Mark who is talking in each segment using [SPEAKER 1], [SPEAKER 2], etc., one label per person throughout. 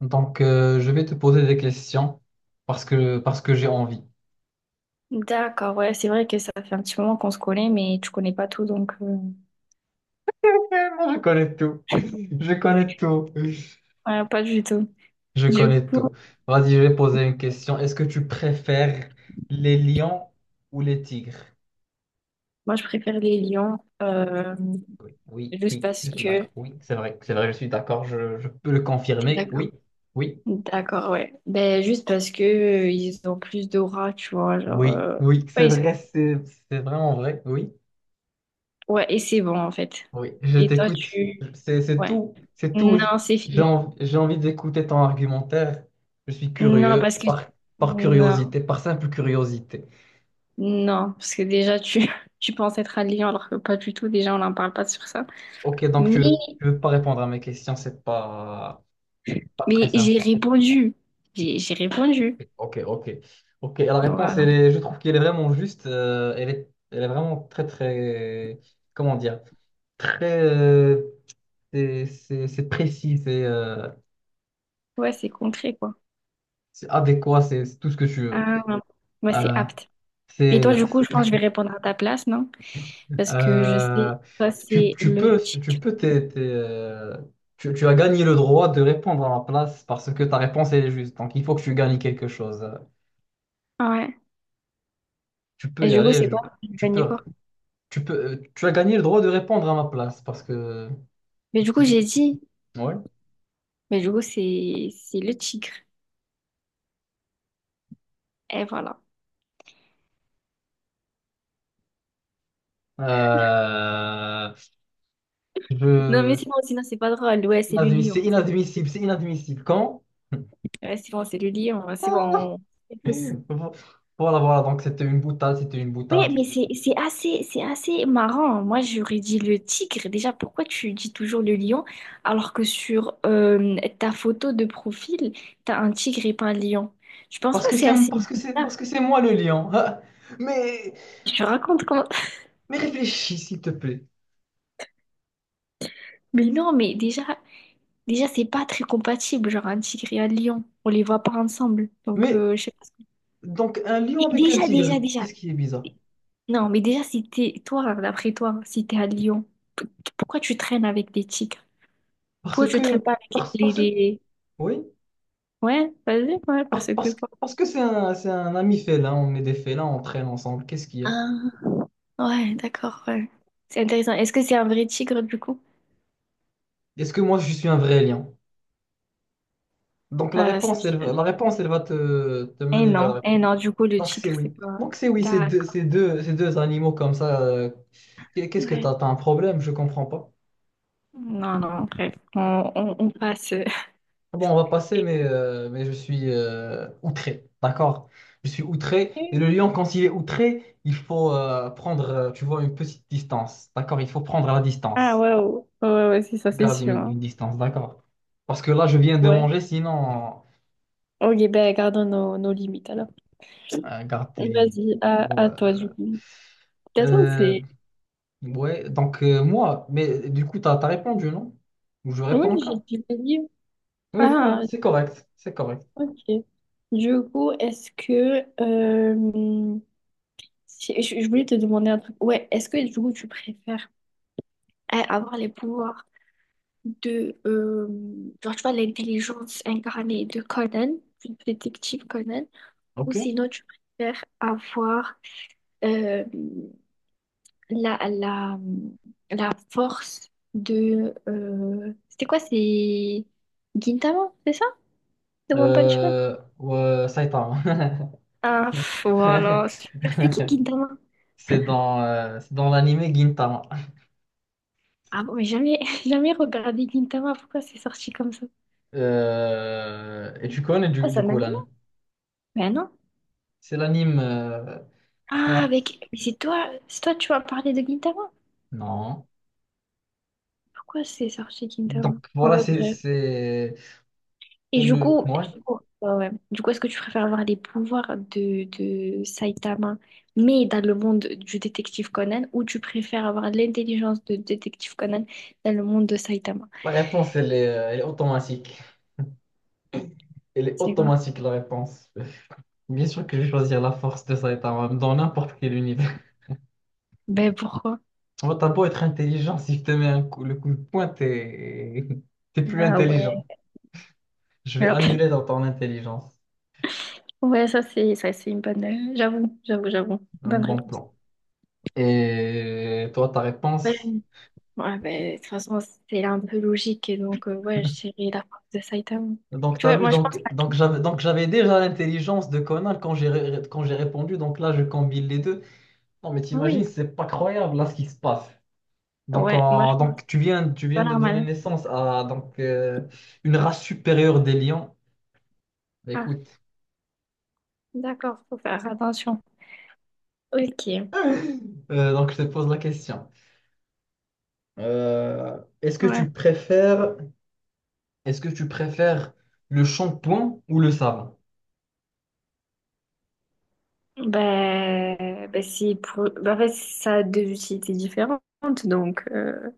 [SPEAKER 1] Donc, je vais te poser des questions parce que j'ai envie.
[SPEAKER 2] D'accord, ouais, c'est vrai que ça fait un petit moment qu'on se connaît, mais tu connais pas tout,
[SPEAKER 1] Eh, moi, je connais tout. Je connais tout.
[SPEAKER 2] ouais, pas du tout.
[SPEAKER 1] Je
[SPEAKER 2] Du
[SPEAKER 1] connais
[SPEAKER 2] coup,
[SPEAKER 1] tout. Vas-y, je vais poser une question. Est-ce que tu préfères les lions ou les tigres?
[SPEAKER 2] moi, je préfère les lions,
[SPEAKER 1] Oui, oui,
[SPEAKER 2] juste
[SPEAKER 1] oui,
[SPEAKER 2] parce
[SPEAKER 1] je suis
[SPEAKER 2] que...
[SPEAKER 1] d'accord. Oui, c'est vrai, je suis d'accord. Je peux le
[SPEAKER 2] T'es
[SPEAKER 1] confirmer.
[SPEAKER 2] d'accord?
[SPEAKER 1] Oui, oui,
[SPEAKER 2] D'accord, ouais. Ben, juste parce que ils ont plus d'aura, tu vois, genre...
[SPEAKER 1] oui,
[SPEAKER 2] euh,
[SPEAKER 1] oui,
[SPEAKER 2] Ouais, ils sont-
[SPEAKER 1] c'est vraiment vrai. Oui.
[SPEAKER 2] ouais, et c'est bon, en fait.
[SPEAKER 1] Oui, je
[SPEAKER 2] Et toi,
[SPEAKER 1] t'écoute.
[SPEAKER 2] tu...
[SPEAKER 1] C'est, c'est
[SPEAKER 2] Ouais.
[SPEAKER 1] tout. C'est tout.
[SPEAKER 2] Non, c'est
[SPEAKER 1] J'ai
[SPEAKER 2] fini.
[SPEAKER 1] envie, j'ai envie d'écouter ton argumentaire. Je suis
[SPEAKER 2] Non,
[SPEAKER 1] curieux
[SPEAKER 2] parce que...
[SPEAKER 1] par, Par
[SPEAKER 2] Non,
[SPEAKER 1] curiosité, par simple curiosité.
[SPEAKER 2] non, parce que déjà, tu penses être un lion, alors que pas du tout, déjà, on n'en parle pas sur ça.
[SPEAKER 1] Ok, donc
[SPEAKER 2] Mais...
[SPEAKER 1] tu veux pas répondre à mes questions, c'est pas très
[SPEAKER 2] Mais j'ai
[SPEAKER 1] sympa.
[SPEAKER 2] répondu. J'ai répondu.
[SPEAKER 1] Ok, ok. Ok, la réponse,
[SPEAKER 2] Voilà.
[SPEAKER 1] elle est- je trouve qu'elle est vraiment juste. Elle est, elle est vraiment très, comment dire, très, c'est précis,
[SPEAKER 2] Ouais, c'est concret, quoi.
[SPEAKER 1] c'est adéquat, c'est tout ce que tu veux.
[SPEAKER 2] Ah, ouais, c'est
[SPEAKER 1] Euh,
[SPEAKER 2] apte. Et toi,
[SPEAKER 1] c'est
[SPEAKER 2] du coup, je pense que je vais répondre à ta place, non? Parce que je
[SPEAKER 1] Euh,
[SPEAKER 2] sais, toi, c'est le
[SPEAKER 1] tu
[SPEAKER 2] tic.
[SPEAKER 1] peux t'es, tu as gagné le droit de répondre à ma place parce que ta réponse elle est juste. Donc il faut que tu gagnes quelque chose.
[SPEAKER 2] Ah, ouais.
[SPEAKER 1] Tu peux
[SPEAKER 2] Et
[SPEAKER 1] y
[SPEAKER 2] du coup,
[SPEAKER 1] aller.
[SPEAKER 2] c'est quoi? Je
[SPEAKER 1] Tu
[SPEAKER 2] gagnais
[SPEAKER 1] peux,
[SPEAKER 2] quoi?
[SPEAKER 1] tu peux, tu as gagné le droit de répondre à ma place parce que.
[SPEAKER 2] Mais du coup, j'ai dit.
[SPEAKER 1] Ouais.
[SPEAKER 2] Mais du coup, c'est le tigre. Et voilà.
[SPEAKER 1] Euh,
[SPEAKER 2] Non, mais
[SPEAKER 1] je-
[SPEAKER 2] sinon, sinon, c'est pas drôle. Ouais, c'est le
[SPEAKER 1] c'est
[SPEAKER 2] lion. C'est
[SPEAKER 1] inadmissible, c'est inadmissible.
[SPEAKER 2] ouais, c'est bon, c'est le lion. C'est bon. On tous.
[SPEAKER 1] Quand? Voilà, voilà. Donc c'était une boutade, c'était une
[SPEAKER 2] Oui,
[SPEAKER 1] boutade.
[SPEAKER 2] mais c'est assez, c'est assez marrant. Moi, j'aurais dit le tigre. Déjà, pourquoi tu dis toujours le lion alors que sur ta photo de profil, t'as un tigre et pas un lion? Je pense pas que c'est assez bizarre.
[SPEAKER 1] Parce que c'est moi le lion. Mais
[SPEAKER 2] Je raconte comment...
[SPEAKER 1] Mais réfléchis, s'il te plaît.
[SPEAKER 2] Mais non, mais déjà, déjà c'est pas très compatible, genre un tigre et un lion. On les voit pas ensemble. Donc,
[SPEAKER 1] Mais
[SPEAKER 2] euh, je sais pas.
[SPEAKER 1] donc, un lion
[SPEAKER 2] Et
[SPEAKER 1] avec un
[SPEAKER 2] déjà, déjà,
[SPEAKER 1] tigre,
[SPEAKER 2] déjà.
[SPEAKER 1] qu'est-ce qui est bizarre?
[SPEAKER 2] Non, mais déjà, si t'es... Toi, d'après toi, si t'es un lion, p- pourquoi tu traînes avec des tigres?
[SPEAKER 1] Parce
[SPEAKER 2] Pourquoi tu traînes
[SPEAKER 1] que.
[SPEAKER 2] pas avec
[SPEAKER 1] Parce, parce,
[SPEAKER 2] les...
[SPEAKER 1] oui,
[SPEAKER 2] Ouais, vas-y, ouais, parce que quoi.
[SPEAKER 1] parce que c'est un ami félin, on est des félins, on traîne ensemble. Qu'est-ce qu'il y a?
[SPEAKER 2] Ah, ouais, d'accord, ouais. C'est intéressant. Est-ce que c'est un vrai tigre du coup?
[SPEAKER 1] Est-ce que moi, je suis un vrai lion? Donc,
[SPEAKER 2] Euh, ça, je-
[SPEAKER 1] la réponse, elle va te mener vers la
[SPEAKER 2] non,
[SPEAKER 1] réponse.
[SPEAKER 2] eh non, du coup, le
[SPEAKER 1] Donc, c'est
[SPEAKER 2] tigre, c'est
[SPEAKER 1] oui.
[SPEAKER 2] pas.
[SPEAKER 1] Donc, c'est oui,
[SPEAKER 2] D'accord.
[SPEAKER 1] ces deux animaux comme ça. Qu'est-ce que
[SPEAKER 2] Ouais.
[SPEAKER 1] t'as? T'as un problème? Je comprends pas.
[SPEAKER 2] Non, non, bref, on passe.
[SPEAKER 1] Bon, on va passer, mais je suis outré, d'accord? Je suis outré. Et le lion, quand il est outré, il faut prendre, tu vois, une petite distance, d'accord? Il faut prendre la
[SPEAKER 2] Ah,
[SPEAKER 1] distance.
[SPEAKER 2] waouh. Ouais, ouais, ouais, c'est ça, c'est sûr, hein.
[SPEAKER 1] Une distance, d'accord? Parce que là, je viens de
[SPEAKER 2] Ouais.
[SPEAKER 1] manger, sinon,
[SPEAKER 2] Ok, ben, gardons nos limites alors.
[SPEAKER 1] garde tes limites.
[SPEAKER 2] Vas-y,
[SPEAKER 1] Bon,
[SPEAKER 2] à toi,
[SPEAKER 1] euh,
[SPEAKER 2] du coup. Attends,
[SPEAKER 1] euh,
[SPEAKER 2] c'est.
[SPEAKER 1] ouais, donc moi, mais du coup, t'as répondu, non? Ou je
[SPEAKER 2] Oui,
[SPEAKER 1] réponds encore?
[SPEAKER 2] j'ai du livre.
[SPEAKER 1] Oui, voilà,
[SPEAKER 2] Ah,
[SPEAKER 1] c'est correct, c'est correct.
[SPEAKER 2] ok. Du coup, est-ce que. Je voulais te demander un truc. Ouais, est-ce que du coup tu préfères avoir les pouvoirs de, genre tu vois, l'intelligence incarnée de Conan, du détective Conan, ou
[SPEAKER 1] Ok.
[SPEAKER 2] sinon tu préfères avoir euh, la, la, la force de... c'était quoi, c'est Gintama, c'est ça? De One Punch Man?
[SPEAKER 1] Ouais, ça y est.
[SPEAKER 2] Ah, pff, voilà. C'est qui Gintama?
[SPEAKER 1] C'est dans l'anime Gintama.
[SPEAKER 2] Ah bon, mais jamais, jamais regardé Gintama, pourquoi c'est sorti comme ça?
[SPEAKER 1] Et tu connais
[SPEAKER 2] Pourquoi ça
[SPEAKER 1] du
[SPEAKER 2] m'a
[SPEAKER 1] coup l'anime.
[SPEAKER 2] ben non.
[SPEAKER 1] C'est l'anime. C'est
[SPEAKER 2] Ah,
[SPEAKER 1] un-
[SPEAKER 2] avec... Mais c'est toi, tu m'as parlé de Gintama?
[SPEAKER 1] Non.
[SPEAKER 2] Pourquoi c'est sorti
[SPEAKER 1] Donc
[SPEAKER 2] Gintama?
[SPEAKER 1] voilà,
[SPEAKER 2] Ouais,
[SPEAKER 1] c'est
[SPEAKER 2] bref.
[SPEAKER 1] c'est- c'est
[SPEAKER 2] Et
[SPEAKER 1] le. Ouais.
[SPEAKER 2] du coup, ouais. Du coup, est-ce que tu préfères avoir les pouvoirs de Saitama, mais dans le monde du détective Conan, ou tu préfères avoir l'intelligence de détective Conan dans le monde de Saitama?
[SPEAKER 1] La réponse, elle est automatique. Elle est
[SPEAKER 2] C'est quoi?
[SPEAKER 1] automatique, la réponse. Bien sûr que je vais choisir la force de Saitama dans n'importe quel univers.
[SPEAKER 2] Ben pourquoi?
[SPEAKER 1] Bon, t'as beau être intelligent, si je te mets un coup, le coup de poing, t'es t'es plus
[SPEAKER 2] Ah ouais.
[SPEAKER 1] intelligent. Je vais
[SPEAKER 2] Ah, pff.
[SPEAKER 1] annuler dans ton intelligence.
[SPEAKER 2] Ouais, ça c'est une bonne. J'avoue.
[SPEAKER 1] Un
[SPEAKER 2] Bonne
[SPEAKER 1] bon
[SPEAKER 2] réponse.
[SPEAKER 1] plan. Et toi, ta réponse?
[SPEAKER 2] Ouais, ben, de toute façon, c'est un peu logique. Et donc, ouais, je dirais la prof de Saitama.
[SPEAKER 1] Donc, tu
[SPEAKER 2] Tu
[SPEAKER 1] as
[SPEAKER 2] vois,
[SPEAKER 1] vu,
[SPEAKER 2] moi, je pense
[SPEAKER 1] donc, donc
[SPEAKER 2] laquelle.
[SPEAKER 1] j'avais donc j'avais déjà l'intelligence de Conan quand j'ai répondu. Donc là, je combine les deux. Non, mais
[SPEAKER 2] Ah
[SPEAKER 1] t'imagines,
[SPEAKER 2] oui.
[SPEAKER 1] c'est pas croyable là ce qui se passe. Donc,
[SPEAKER 2] Ouais, moi, je
[SPEAKER 1] en-
[SPEAKER 2] pense que
[SPEAKER 1] donc
[SPEAKER 2] c'est
[SPEAKER 1] tu viens
[SPEAKER 2] pas
[SPEAKER 1] de donner
[SPEAKER 2] normal.
[SPEAKER 1] naissance à donc, une race supérieure des lions. Bah,
[SPEAKER 2] Ah,
[SPEAKER 1] écoute,
[SPEAKER 2] d'accord, faut faire attention. Ok.
[SPEAKER 1] donc je te pose la question. Euh, est-ce que
[SPEAKER 2] Ouais.
[SPEAKER 1] tu préfères, Est-ce que tu préfères le shampoing ou le savon?
[SPEAKER 2] Ben, ben si pour... ben, en fait, ça a deux utilités différentes. Donc,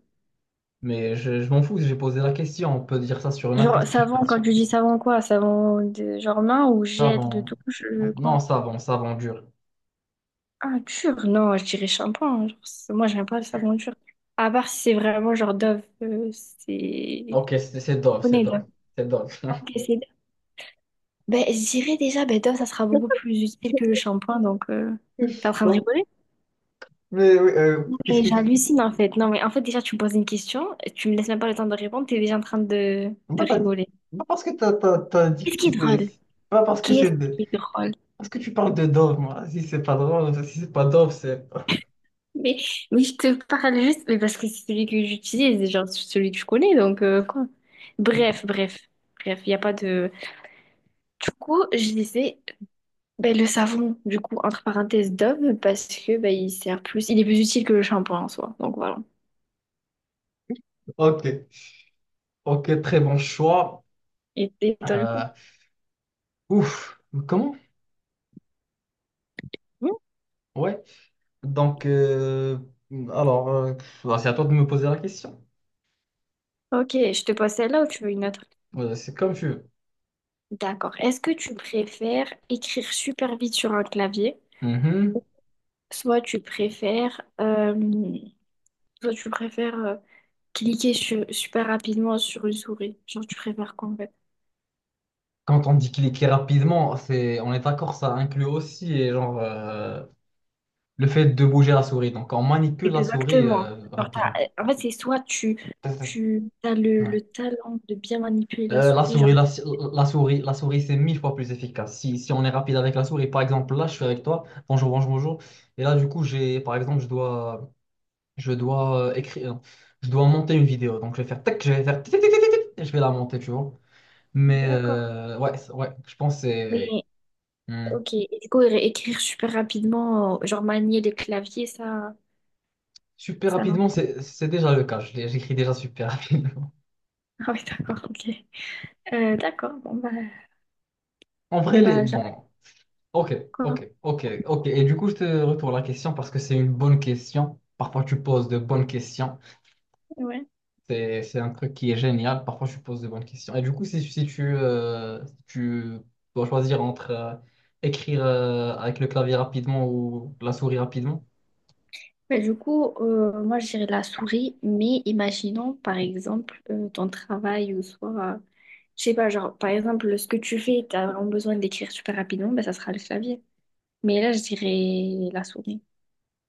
[SPEAKER 1] Mais je m'en fous, j'ai posé la question. On peut dire ça sur
[SPEAKER 2] genre,
[SPEAKER 1] n'importe quelle
[SPEAKER 2] savon, quand
[SPEAKER 1] question.
[SPEAKER 2] tu dis savon, quoi? Savon, de... genre main ou gel de
[SPEAKER 1] Savon.
[SPEAKER 2] douche,
[SPEAKER 1] Non,
[SPEAKER 2] quoi?
[SPEAKER 1] savon dur.
[SPEAKER 2] Ah, dur, non, je dirais shampoing, hein. Moi, j'aime pas le savon dur. À part si c'est vraiment genre Dove, c'est
[SPEAKER 1] Ok,
[SPEAKER 2] on est là.
[SPEAKER 1] c'est drôle.
[SPEAKER 2] Ok, c'est là. Ben, je dirais déjà, ben, Dove, ça sera beaucoup plus utile que le shampoing, donc t'es en train de
[SPEAKER 1] Non,
[SPEAKER 2] rigoler?
[SPEAKER 1] mais oui,
[SPEAKER 2] Non, mais
[SPEAKER 1] qu'est-ce que-
[SPEAKER 2] j'hallucine en fait. Non, mais en fait, déjà, tu me poses une question, tu me laisses même pas le temps de répondre, t'es déjà en train de
[SPEAKER 1] Bah, t'as-
[SPEAKER 2] rigoler.
[SPEAKER 1] Bah, parce que t'as dit que
[SPEAKER 2] Qu'est-ce qui est
[SPEAKER 1] c'était...
[SPEAKER 2] drôle?
[SPEAKER 1] Pas parce que
[SPEAKER 2] Qu'est-ce
[SPEAKER 1] c'est... de-
[SPEAKER 2] qui est drôle?
[SPEAKER 1] Parce que tu parles de Dove, moi. Si c'est pas drôle, si c'est pas Dove, c'est...
[SPEAKER 2] Mais, mais je te parle juste, mais parce que c'est celui que j'utilise, genre c'est celui que je connais, donc quoi.
[SPEAKER 1] Ok,
[SPEAKER 2] Bref, bref, bref, il n'y a pas de. Du coup, je disais, ben, le savon, du coup, entre parenthèses, Dove, parce que ben, il sert plus, il est plus utile que le shampoing en soi. Donc voilà.
[SPEAKER 1] ok, ok, très bon choix.
[SPEAKER 2] Et toi, du
[SPEAKER 1] Euh,
[SPEAKER 2] coup?
[SPEAKER 1] ouf, Comment?
[SPEAKER 2] Hmm.
[SPEAKER 1] Ouais. Donc, alors, euh, bah, c'est à toi de me poser la question.
[SPEAKER 2] Ok, je te pose celle-là ou tu veux une autre?
[SPEAKER 1] C'est comme tu veux.
[SPEAKER 2] D'accord. Est-ce que tu préfères écrire super vite sur un clavier,
[SPEAKER 1] Mhm.
[SPEAKER 2] soit tu préfères, soit tu préfères super rapidement sur une souris? Genre, tu préfères quoi en fait?
[SPEAKER 1] Quand on dit cliquer rapidement, c'est, on est d'accord, ça inclut aussi et genre. Le fait de bouger la souris. Donc, on manipule la souris
[SPEAKER 2] Exactement.
[SPEAKER 1] rapidement.
[SPEAKER 2] En fait, c'est soit
[SPEAKER 1] Tac, tac.
[SPEAKER 2] tu as
[SPEAKER 1] Ouais.
[SPEAKER 2] le talent de bien manipuler la
[SPEAKER 1] Euh, la
[SPEAKER 2] souris,
[SPEAKER 1] souris,
[SPEAKER 2] genre.
[SPEAKER 1] la, si- la souris, c'est mille fois plus efficace. Si on est rapide avec la souris, par exemple, là, je suis avec toi. Bonjour, bonjour, bonjour. Et là, du coup, j'ai, par exemple, je dois écrire, non, je dois monter une vidéo. Donc, je vais faire tac, je vais faire tic, tic, tic, tic, tic, tic, et je vais la monter, tu vois. Mais
[SPEAKER 2] D'accord.
[SPEAKER 1] ouais, ouais, je pense que c'est
[SPEAKER 2] Mais
[SPEAKER 1] hmm.
[SPEAKER 2] ok, et du coup, écrire super rapidement, genre manier les claviers, ça,
[SPEAKER 1] Super
[SPEAKER 2] ça non.
[SPEAKER 1] rapidement, c'est déjà le cas. J'écris déjà super rapidement.
[SPEAKER 2] Ah oui, d'accord, ok. D'accord, bon, bah,
[SPEAKER 1] En vrai, les,
[SPEAKER 2] bah j'ai appris
[SPEAKER 1] bon, ok,
[SPEAKER 2] quoi.
[SPEAKER 1] ok, ok, ok. Et du coup, je te retourne la question parce que c'est une bonne question. Parfois, tu poses de bonnes questions.
[SPEAKER 2] Ouais.
[SPEAKER 1] C'est un truc qui est génial. Parfois, tu poses de bonnes questions. Et du coup, si tu, si tu dois choisir entre écrire avec le clavier rapidement ou la souris rapidement,
[SPEAKER 2] Bah, du coup, moi, je dirais la souris, mais imaginons, par exemple, ton travail ou soit, je sais pas, genre, par exemple, ce que tu fais, t'as vraiment besoin d'écrire super rapidement, bah, ça sera le clavier. Mais là, je dirais la souris.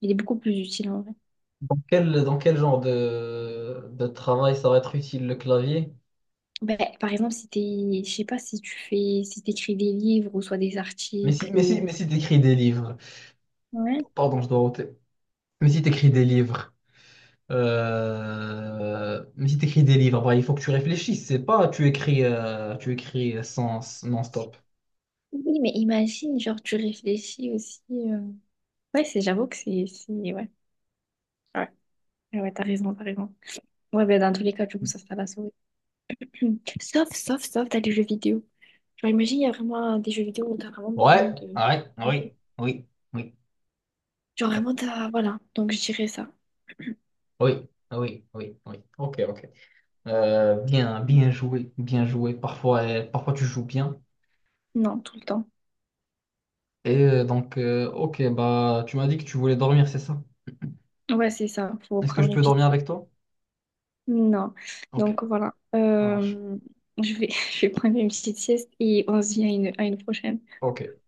[SPEAKER 2] Il est beaucoup plus utile en vrai.
[SPEAKER 1] dans dans quel genre de travail ça va être utile le clavier?
[SPEAKER 2] Ben, par exemple, si t'es, je sais pas si tu fais, si t'écris des livres ou soit des articles ou
[SPEAKER 1] Mais si tu écris des livres,
[SPEAKER 2] ouais.
[SPEAKER 1] pardon, je dois ôter. Mais si tu écris des livres. Mais si tu écris des livres, bah, il faut que tu réfléchisses. C'est pas tu écris, tu écris sans non-stop.
[SPEAKER 2] Oui, mais imagine, genre, tu réfléchis aussi. Ouais, j'avoue que ouais. Ouais, ouais, t'as raison, t'as raison. Ouais, ben dans tous les cas, du coup, ça sera la souris. Sauf, t'as des jeux vidéo. Genre, imagine, il y a vraiment des jeux vidéo où t'as vraiment besoin
[SPEAKER 1] Ouais,
[SPEAKER 2] de
[SPEAKER 1] ouais,
[SPEAKER 2] papier.
[SPEAKER 1] oui, oui, oui,
[SPEAKER 2] Genre, vraiment, t'as. Voilà. Donc, je dirais ça.
[SPEAKER 1] oui, oui, oui, oui. Ok, ok. Bien joué, bien joué. Parfois, parfois tu joues bien.
[SPEAKER 2] Non, tout le temps.
[SPEAKER 1] Et ok, bah, tu m'as dit que tu voulais dormir, c'est ça?
[SPEAKER 2] Ouais, c'est ça. Faut
[SPEAKER 1] Est-ce que je
[SPEAKER 2] prendre une
[SPEAKER 1] peux
[SPEAKER 2] petite
[SPEAKER 1] dormir
[SPEAKER 2] sieste.
[SPEAKER 1] avec toi?
[SPEAKER 2] Non.
[SPEAKER 1] Ok,
[SPEAKER 2] Donc, voilà.
[SPEAKER 1] ça marche.
[SPEAKER 2] Je vais, je vais prendre une petite sieste et on se dit à à une prochaine.
[SPEAKER 1] Ok.